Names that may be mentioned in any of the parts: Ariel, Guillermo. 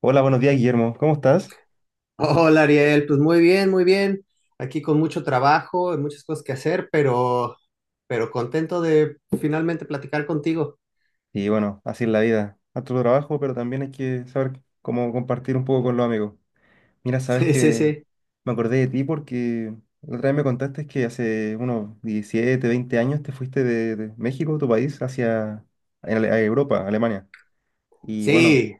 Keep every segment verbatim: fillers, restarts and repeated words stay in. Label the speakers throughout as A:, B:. A: Hola, buenos días, Guillermo. ¿Cómo estás?
B: Hola Ariel, pues muy bien, muy bien. Aquí con mucho trabajo, y muchas cosas que hacer, pero, pero contento de finalmente platicar contigo.
A: Y bueno, así es la vida. Harto trabajo, pero también hay que saber cómo compartir un poco con los amigos. Mira, sabes
B: Sí, sí,
A: que
B: sí.
A: me acordé de ti porque la otra vez me contaste que hace unos diecisiete, veinte años te fuiste de, de México, tu país, hacia a Ale- a Europa, Alemania. Y bueno,
B: Sí.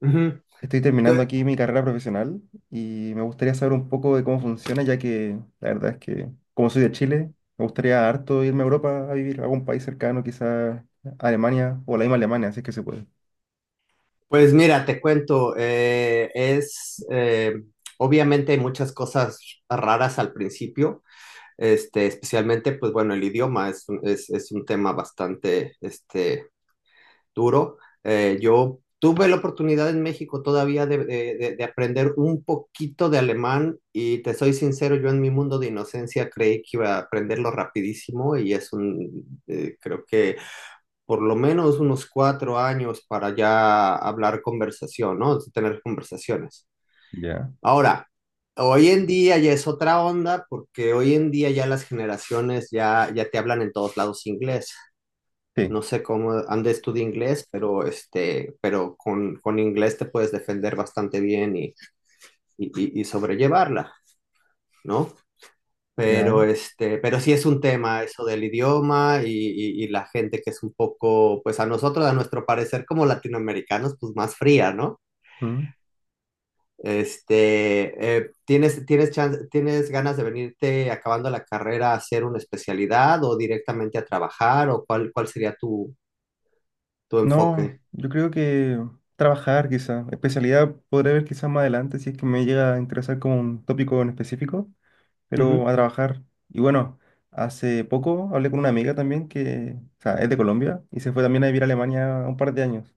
B: Ujú.
A: estoy terminando
B: Te-
A: aquí mi carrera profesional y me gustaría saber un poco de cómo funciona, ya que la verdad es que, como soy de Chile, me gustaría harto irme a Europa a vivir, a algún país cercano, quizás Alemania o la misma Alemania, si es que se puede.
B: Pues mira, te cuento, eh, es eh, obviamente hay muchas cosas raras al principio, este, especialmente, pues bueno, el idioma es, un- es, es un tema bastante, este, duro. Eh, yo tuve la oportunidad en México todavía de, de, de, de aprender un poquito de alemán y te soy sincero, yo en mi mundo de inocencia creí que iba a aprenderlo rapidísimo y es un, eh, creo que por lo menos unos cuatro años para ya hablar conversación, ¿no? Tener conversaciones.
A: Ya.
B: Ahora, hoy en día ya es otra onda porque hoy en día ya las generaciones ya, ya te hablan en todos lados inglés.
A: Sí,
B: No sé cómo andes tú de inglés, pero este, pero con, con inglés te puedes defender bastante bien y, y, y- y sobrellevarla, ¿no? Pero
A: ya.
B: este, pero sí es un tema eso del idioma y, y- y la gente que es un poco, pues a nosotros, a nuestro parecer como latinoamericanos, pues más fría, ¿no?
A: Mm.
B: Este, eh, ¿tienes, tienes chance- tienes ganas de venirte acabando la carrera a hacer una especialidad o directamente a trabajar o cuál, cuál sería tu, tu
A: No,
B: enfoque?
A: yo creo que trabajar, quizás. Especialidad podré ver quizás más adelante si es que me llega a interesar como un tópico en específico,
B: Ujú,
A: pero a trabajar. Y bueno, hace poco hablé con una amiga también que, o sea, es de Colombia y se fue también a vivir a Alemania un par de años.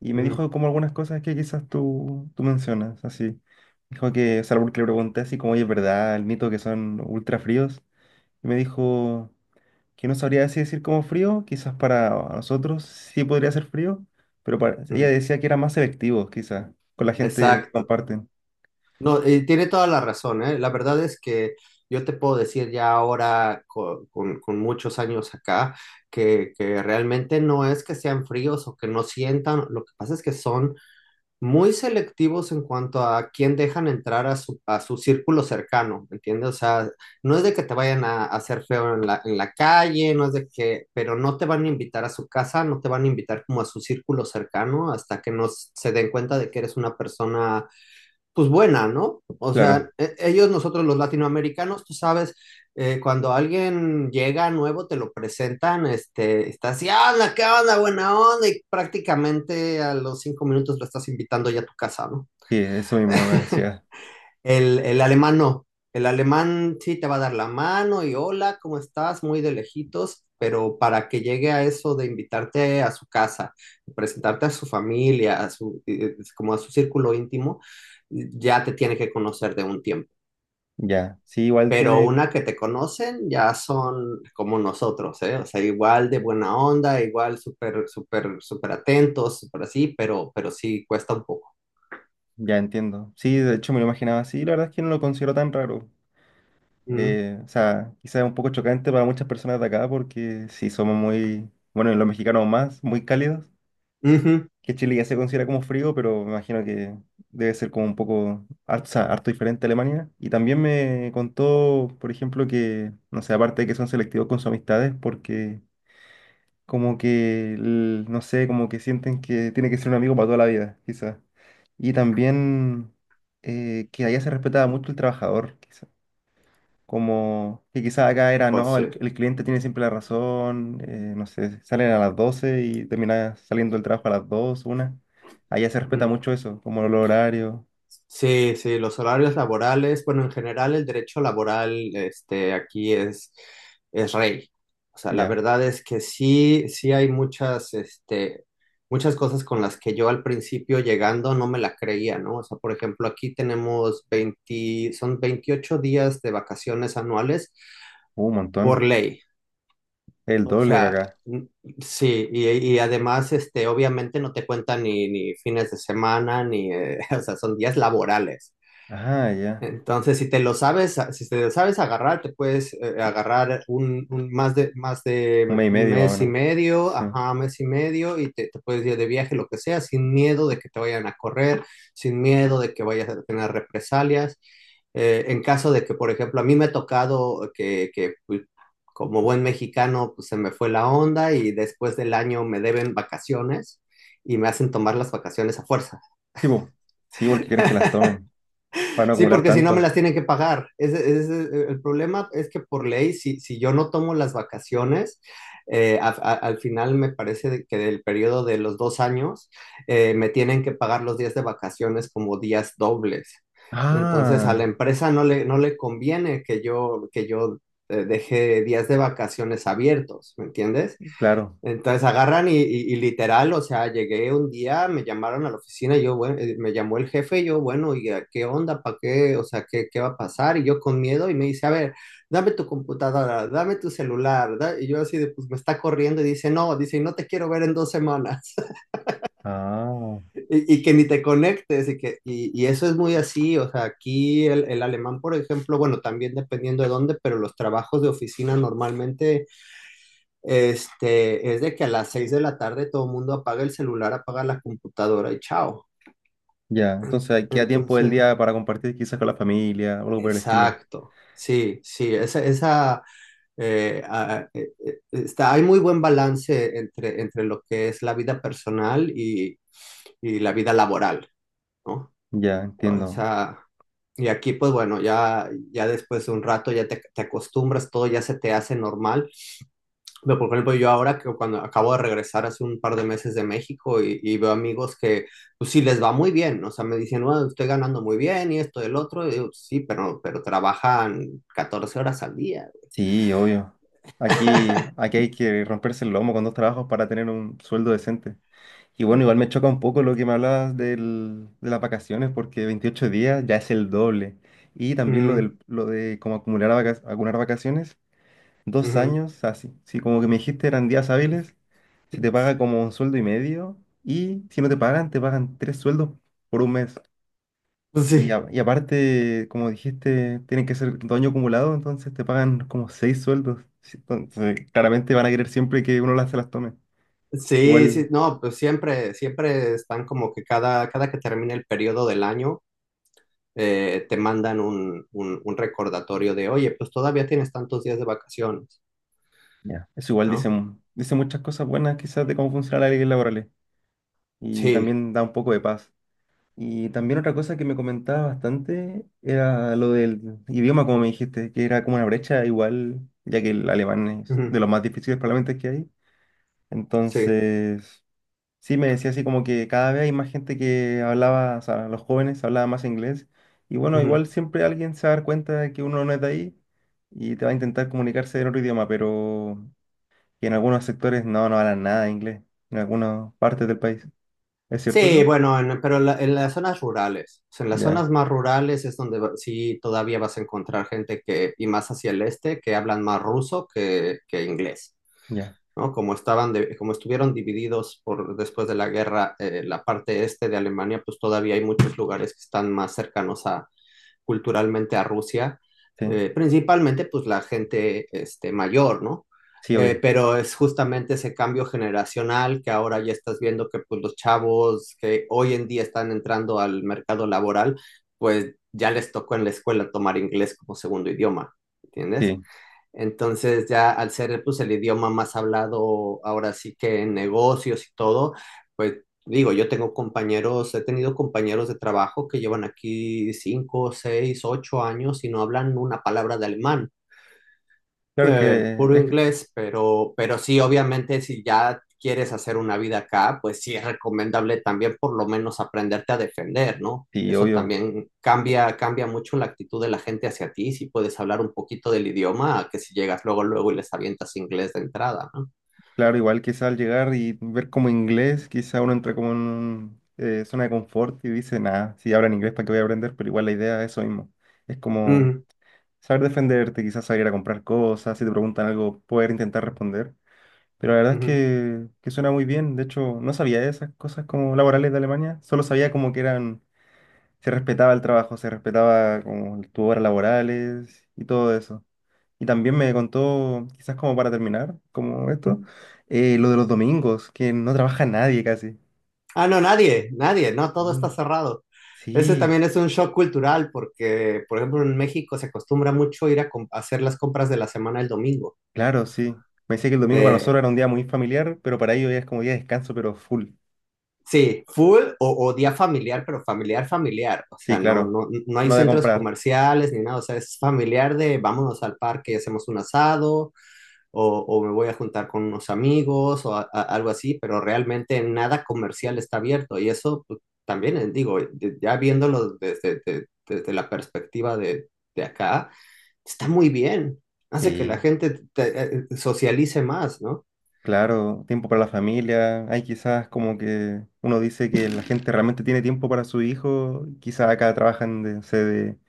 A: Y me
B: ujú,
A: dijo como algunas cosas que quizás tú, tú mencionas, así. Dijo que, o sea, porque le pregunté así como, oye, ¿es verdad el mito que son ultra fríos? Y me dijo que no sabría así decir como frío, quizás para nosotros sí podría ser frío, pero para, ella
B: ujú.
A: decía que era más selectivo, quizás, con la gente que
B: Exacto.
A: comparten.
B: No, eh, tiene toda la razón, ¿eh? La verdad es que yo te puedo decir ya ahora, co- con, con muchos años acá, que, que realmente no es que sean fríos o que no sientan, lo que pasa es que son muy selectivos en cuanto a quién dejan entrar a su, a su círculo cercano, ¿entiendes? O sea, no es de que te vayan a, a hacer feo en la, en la calle, no es de que, pero no te van a invitar a su casa, no te van a invitar como a su círculo cercano hasta que no se den cuenta de que eres una persona pues buena, ¿no? O sea,
A: Claro,
B: e- ellos, nosotros los latinoamericanos, tú sabes, eh, cuando alguien llega nuevo, te lo presentan, este, está así, ah, onda, qué onda, buena onda, y prácticamente a los cinco minutos lo estás invitando ya a tu casa, ¿no?
A: sí, eso mismo me decía.
B: El, el alemán no. El alemán sí te va a dar la mano y hola, ¿cómo estás? Muy de lejitos, pero para que llegue a eso de invitarte a su casa, presentarte a su familia, a su, eh, como a su círculo íntimo, ya te tiene que conocer de un tiempo.
A: Ya, sí, igual
B: Pero
A: tiene.
B: una que te conocen ya son como nosotros, ¿eh? O sea, igual de buena onda, igual súper, súper, súper atentos, súper así, pero, pero sí cuesta un poco.
A: Ya entiendo. Sí, de hecho me lo imaginaba así. La verdad es que no lo considero tan raro.
B: Mm,
A: Eh, o sea, quizás es un poco chocante para muchas personas de acá porque sí somos muy, bueno, y los mexicanos más, muy cálidos.
B: ujú.
A: Que Chile ya se considera como frío, pero me imagino que debe ser como un poco, harto, o sea, harto diferente a Alemania. Y también me contó, por ejemplo, que, no sé, aparte de que son selectivos con sus amistades, porque como que, el- no sé, como que sienten que tiene que ser un amigo para toda la vida, quizás. Y también eh, que allá se respetaba mucho el trabajador, quizás. Como que quizás acá era,
B: O
A: no, el,
B: sea,
A: el cliente tiene siempre la razón, eh, no sé, salen a las doce y termina saliendo el trabajo a las dos una. Allá se respeta
B: mm.
A: mucho eso, como los horarios,
B: Sí, sí, los horarios laborales, bueno, en general el derecho laboral, este, aquí es, es rey. O sea, la
A: ya,
B: verdad es que sí, sí hay muchas, este, muchas cosas con las que yo al principio llegando no me la creía, ¿no? O sea, por ejemplo, aquí tenemos veinte son veintiocho días de vacaciones anuales
A: un
B: por
A: montón,
B: ley.
A: el
B: O
A: doble que
B: sea,
A: acá.
B: n- sí, y, y además, este, obviamente no te cuentan ni, ni fines de semana, ni, eh, o sea, son días laborales.
A: Ah, ya,
B: Entonces, si te lo sabes, si te lo sabes agarrar, te puedes eh, agarrar un, un- más de, más
A: un
B: de
A: mes y
B: un
A: medio más o
B: mes y
A: menos.
B: medio,
A: Sí,
B: ajá, mes y medio, y te, te puedes ir de viaje, lo que sea, sin miedo de que te vayan a correr, sin miedo de que vayas a tener represalias. Eh, en caso de que, por ejemplo, a mí me ha tocado que, que, pues, como buen mexicano, pues, se me fue la onda y después del año me deben vacaciones y me hacen tomar las vacaciones a fuerza.
A: sí, po. Sí, porque quieren que las tomen, para no
B: Sí,
A: acumular
B: porque si no me
A: tanto.
B: las tienen que pagar. Ese, ese es el problema es que por ley, si, si yo no tomo las vacaciones, eh, a- a- al final me parece de que del periodo de los dos años, eh, me tienen que pagar los días de vacaciones como días dobles. Entonces, a la
A: Ah,
B: empresa no le, no le conviene que yo, que yo eh, deje días de vacaciones abiertos, ¿me entiendes?
A: claro.
B: Entonces agarran y, y- y literal, o sea, llegué un día, me llamaron a la oficina, y yo, bueno, eh, me llamó el jefe, y yo, bueno, ¿y a qué onda? ¿Para qué? O sea, ¿qué, qué va a pasar? Y yo con miedo, y me dice, a ver, dame tu computadora, dame tu celular, da- y yo así de, pues me está corriendo, y dice, no, dice, y no te quiero ver en dos semanas,
A: Ah,
B: y, y que ni te conectes, y que, y, y eso es muy así, o sea, aquí el, el alemán, por ejemplo, bueno, también dependiendo de dónde, pero los trabajos de oficina normalmente este, es de que a las seis de la tarde todo el mundo apaga el celular, apaga la computadora y chao.
A: ya. Entonces ahí queda tiempo del
B: Entonces,
A: día para compartir quizás con la familia o algo por el estilo.
B: exacto. Sí, sí, esa, esa eh, a- eh, eh, está, hay muy buen balance entre, entre lo que es la vida personal y, y la vida laboral, ¿no?
A: Ya,
B: O
A: entiendo.
B: sea, y aquí, pues bueno, ya, ya después de un rato ya te, te acostumbras, todo ya se te hace normal. Pero, por ejemplo, yo ahora que cuando acabo de regresar hace un par de meses de México y, y veo amigos que, pues sí, les va muy bien, o sea, me dicen, bueno, estoy ganando muy bien y esto y el otro, y digo, "Pues, sí, pero, pero trabajan catorce horas al día."
A: Sí, obvio. Aquí, aquí hay que romperse el lomo con dos trabajos para tener un sueldo decente. Y bueno, igual me choca un poco lo que me hablabas del- de las vacaciones, porque veintiocho días ya es el doble. Y también lo
B: Mm,
A: del, lo de cómo acumular, vaca- acumular vacaciones. Dos
B: ujú.
A: años, así. Si como que me dijiste eran días hábiles, se te paga como un sueldo y medio y si no te pagan, te pagan tres sueldos por un mes.
B: Pues
A: Y,
B: sí,
A: a- y aparte, como dijiste, tienen que ser dos años acumulados, entonces te pagan como seis sueldos. Sí, entonces, claramente van a querer siempre que uno las, se las tome.
B: sí, sí,
A: Igual,
B: no, pues siempre, siempre están como que cada, cada que termina el periodo del año, eh, te mandan un, un, un recordatorio de, oye, pues todavía tienes tantos días de vacaciones,
A: ya, eso igual dice,
B: ¿no?
A: mu- dice muchas cosas buenas quizás de cómo funciona la ley laboral y
B: Sí,
A: también da un poco de paz. Y también otra cosa que me comentaba bastante era lo del idioma, como me dijiste, que era como una brecha igual, ya que el alemán es de
B: ujú,
A: los más difíciles probablemente que hay.
B: sí.
A: Entonces, sí me decía así como que cada vez hay más gente que hablaba, o sea, los jóvenes hablaban más inglés. Y bueno,
B: Ujú.
A: igual siempre alguien se va a dar cuenta de que uno no es de ahí y te va a intentar comunicarse en otro idioma, pero que en algunos sectores no, no hablan nada de inglés, en algunas partes del país. ¿Es cierto
B: Sí,
A: eso?
B: bueno, en- pero en la- en las zonas rurales, o sea, en las
A: Ya,
B: zonas más rurales es donde va- sí todavía vas a encontrar gente que, y más hacia el este, que hablan más ruso que, que inglés,
A: ya,
B: ¿no? Como estaban de- como estuvieron divididos por, después de la guerra, eh, la parte este de Alemania, pues todavía hay muchos lugares que están más cercanos a, culturalmente a Rusia,
A: sí,
B: eh, principalmente pues la gente este, mayor, ¿no?
A: sí,
B: Eh,
A: obvio.
B: pero es justamente ese cambio generacional que ahora ya estás viendo que pues los chavos que hoy en día están entrando al mercado laboral, pues ya les tocó en la escuela tomar inglés como segundo idioma, ¿entiendes?
A: Sí,
B: Entonces ya al ser pues el idioma más hablado ahora sí que en negocios y todo, pues digo, yo tengo compañeros, he tenido compañeros de trabajo que llevan aquí cinco, seis, ocho años y no hablan una palabra de alemán,
A: claro
B: eh,
A: que
B: puro
A: es, que-
B: inglés, pero, pero sí, obviamente, si ya quieres hacer una vida acá, pues sí es recomendable también por lo menos aprenderte a defender, ¿no?
A: sí,
B: Eso
A: obvio.
B: también cambia, cambia mucho la actitud de la gente hacia ti, si puedes hablar un poquito del idioma, a que si llegas luego, luego y les avientas inglés de entrada, ¿no?
A: Claro, igual quizá al llegar y ver como inglés, quizá uno entra como en un, eh, zona de confort y dice, nada, si hablan inglés, ¿para qué voy a aprender? Pero igual la idea es eso mismo. Es como
B: Mm,
A: saber defenderte, quizás salir a comprar cosas, si te preguntan algo, poder intentar responder. Pero la verdad es
B: ujú,
A: que, que suena muy bien. De hecho, no sabía de esas cosas como laborales de Alemania. Solo sabía como que eran, se respetaba el trabajo, se respetaba como tus horas laborales y todo eso. Y también me contó, quizás como para terminar, como esto,
B: ujú.
A: eh, lo de los domingos, que no trabaja nadie casi.
B: Ah, no, nadie, nadie, no,
A: Sí,
B: todo está cerrado. Ese
A: sí,
B: también es un shock cultural porque, por ejemplo, en México se acostumbra mucho ir a, com- a hacer las compras de la semana el domingo.
A: claro, sí. Me decía que el domingo para nosotros era un día muy familiar, pero para ellos ya es como día de descanso, pero full.
B: Sí, full o, o día familiar, pero familiar, familiar. O
A: Sí,
B: sea, no,
A: claro.
B: no, no hay
A: No de
B: centros
A: comprar.
B: comerciales ni nada. O sea, es familiar de vámonos al parque y hacemos un asado o, o me voy a juntar con unos amigos o a- a- algo así, pero realmente nada comercial está abierto. Y eso pues, también, eh, digo, de- ya viéndolo desde, de- desde la perspectiva de, de acá, está muy bien. Hace que la
A: Sí.
B: gente te- eh, eh, socialice más, ¿no?
A: Claro, tiempo para la familia. Hay quizás como que uno dice que la gente realmente tiene tiempo para su hijo. Quizás acá trabajan de, no sé, de,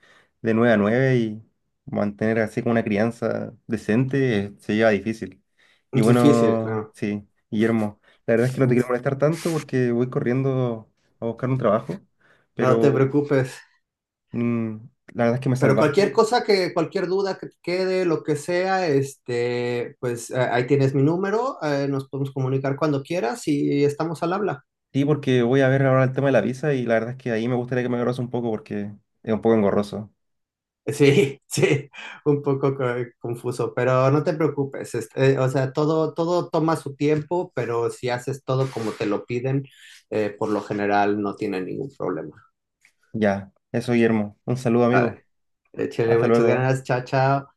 A: de nueve a nueve y mantener así como una crianza decente, eh, se lleva difícil. Y
B: Es difícil,
A: bueno,
B: claro.
A: sí, Guillermo, la verdad es que no te quiero molestar tanto porque voy corriendo a buscar un trabajo,
B: No te
A: pero
B: preocupes.
A: mm, la verdad es que me
B: Pero cualquier
A: salvaste.
B: cosa que, cualquier duda que te quede, lo que sea, este, pues eh, ahí tienes mi número, eh, nos podemos comunicar cuando quieras y estamos al habla.
A: Sí, porque voy a ver ahora el tema de la visa y la verdad es que ahí me gustaría que me ayudaras un poco porque es un poco engorroso.
B: Sí, sí, un poco co- confuso, pero no te preocupes, este, eh, o sea, todo, todo toma su tiempo, pero si haces todo como te lo piden, eh, por lo general no tiene ningún problema.
A: Ya, eso, Guillermo. Un saludo,
B: A
A: amigo.
B: ver, échale
A: Hasta
B: muchas
A: luego.
B: ganas, chao, chao.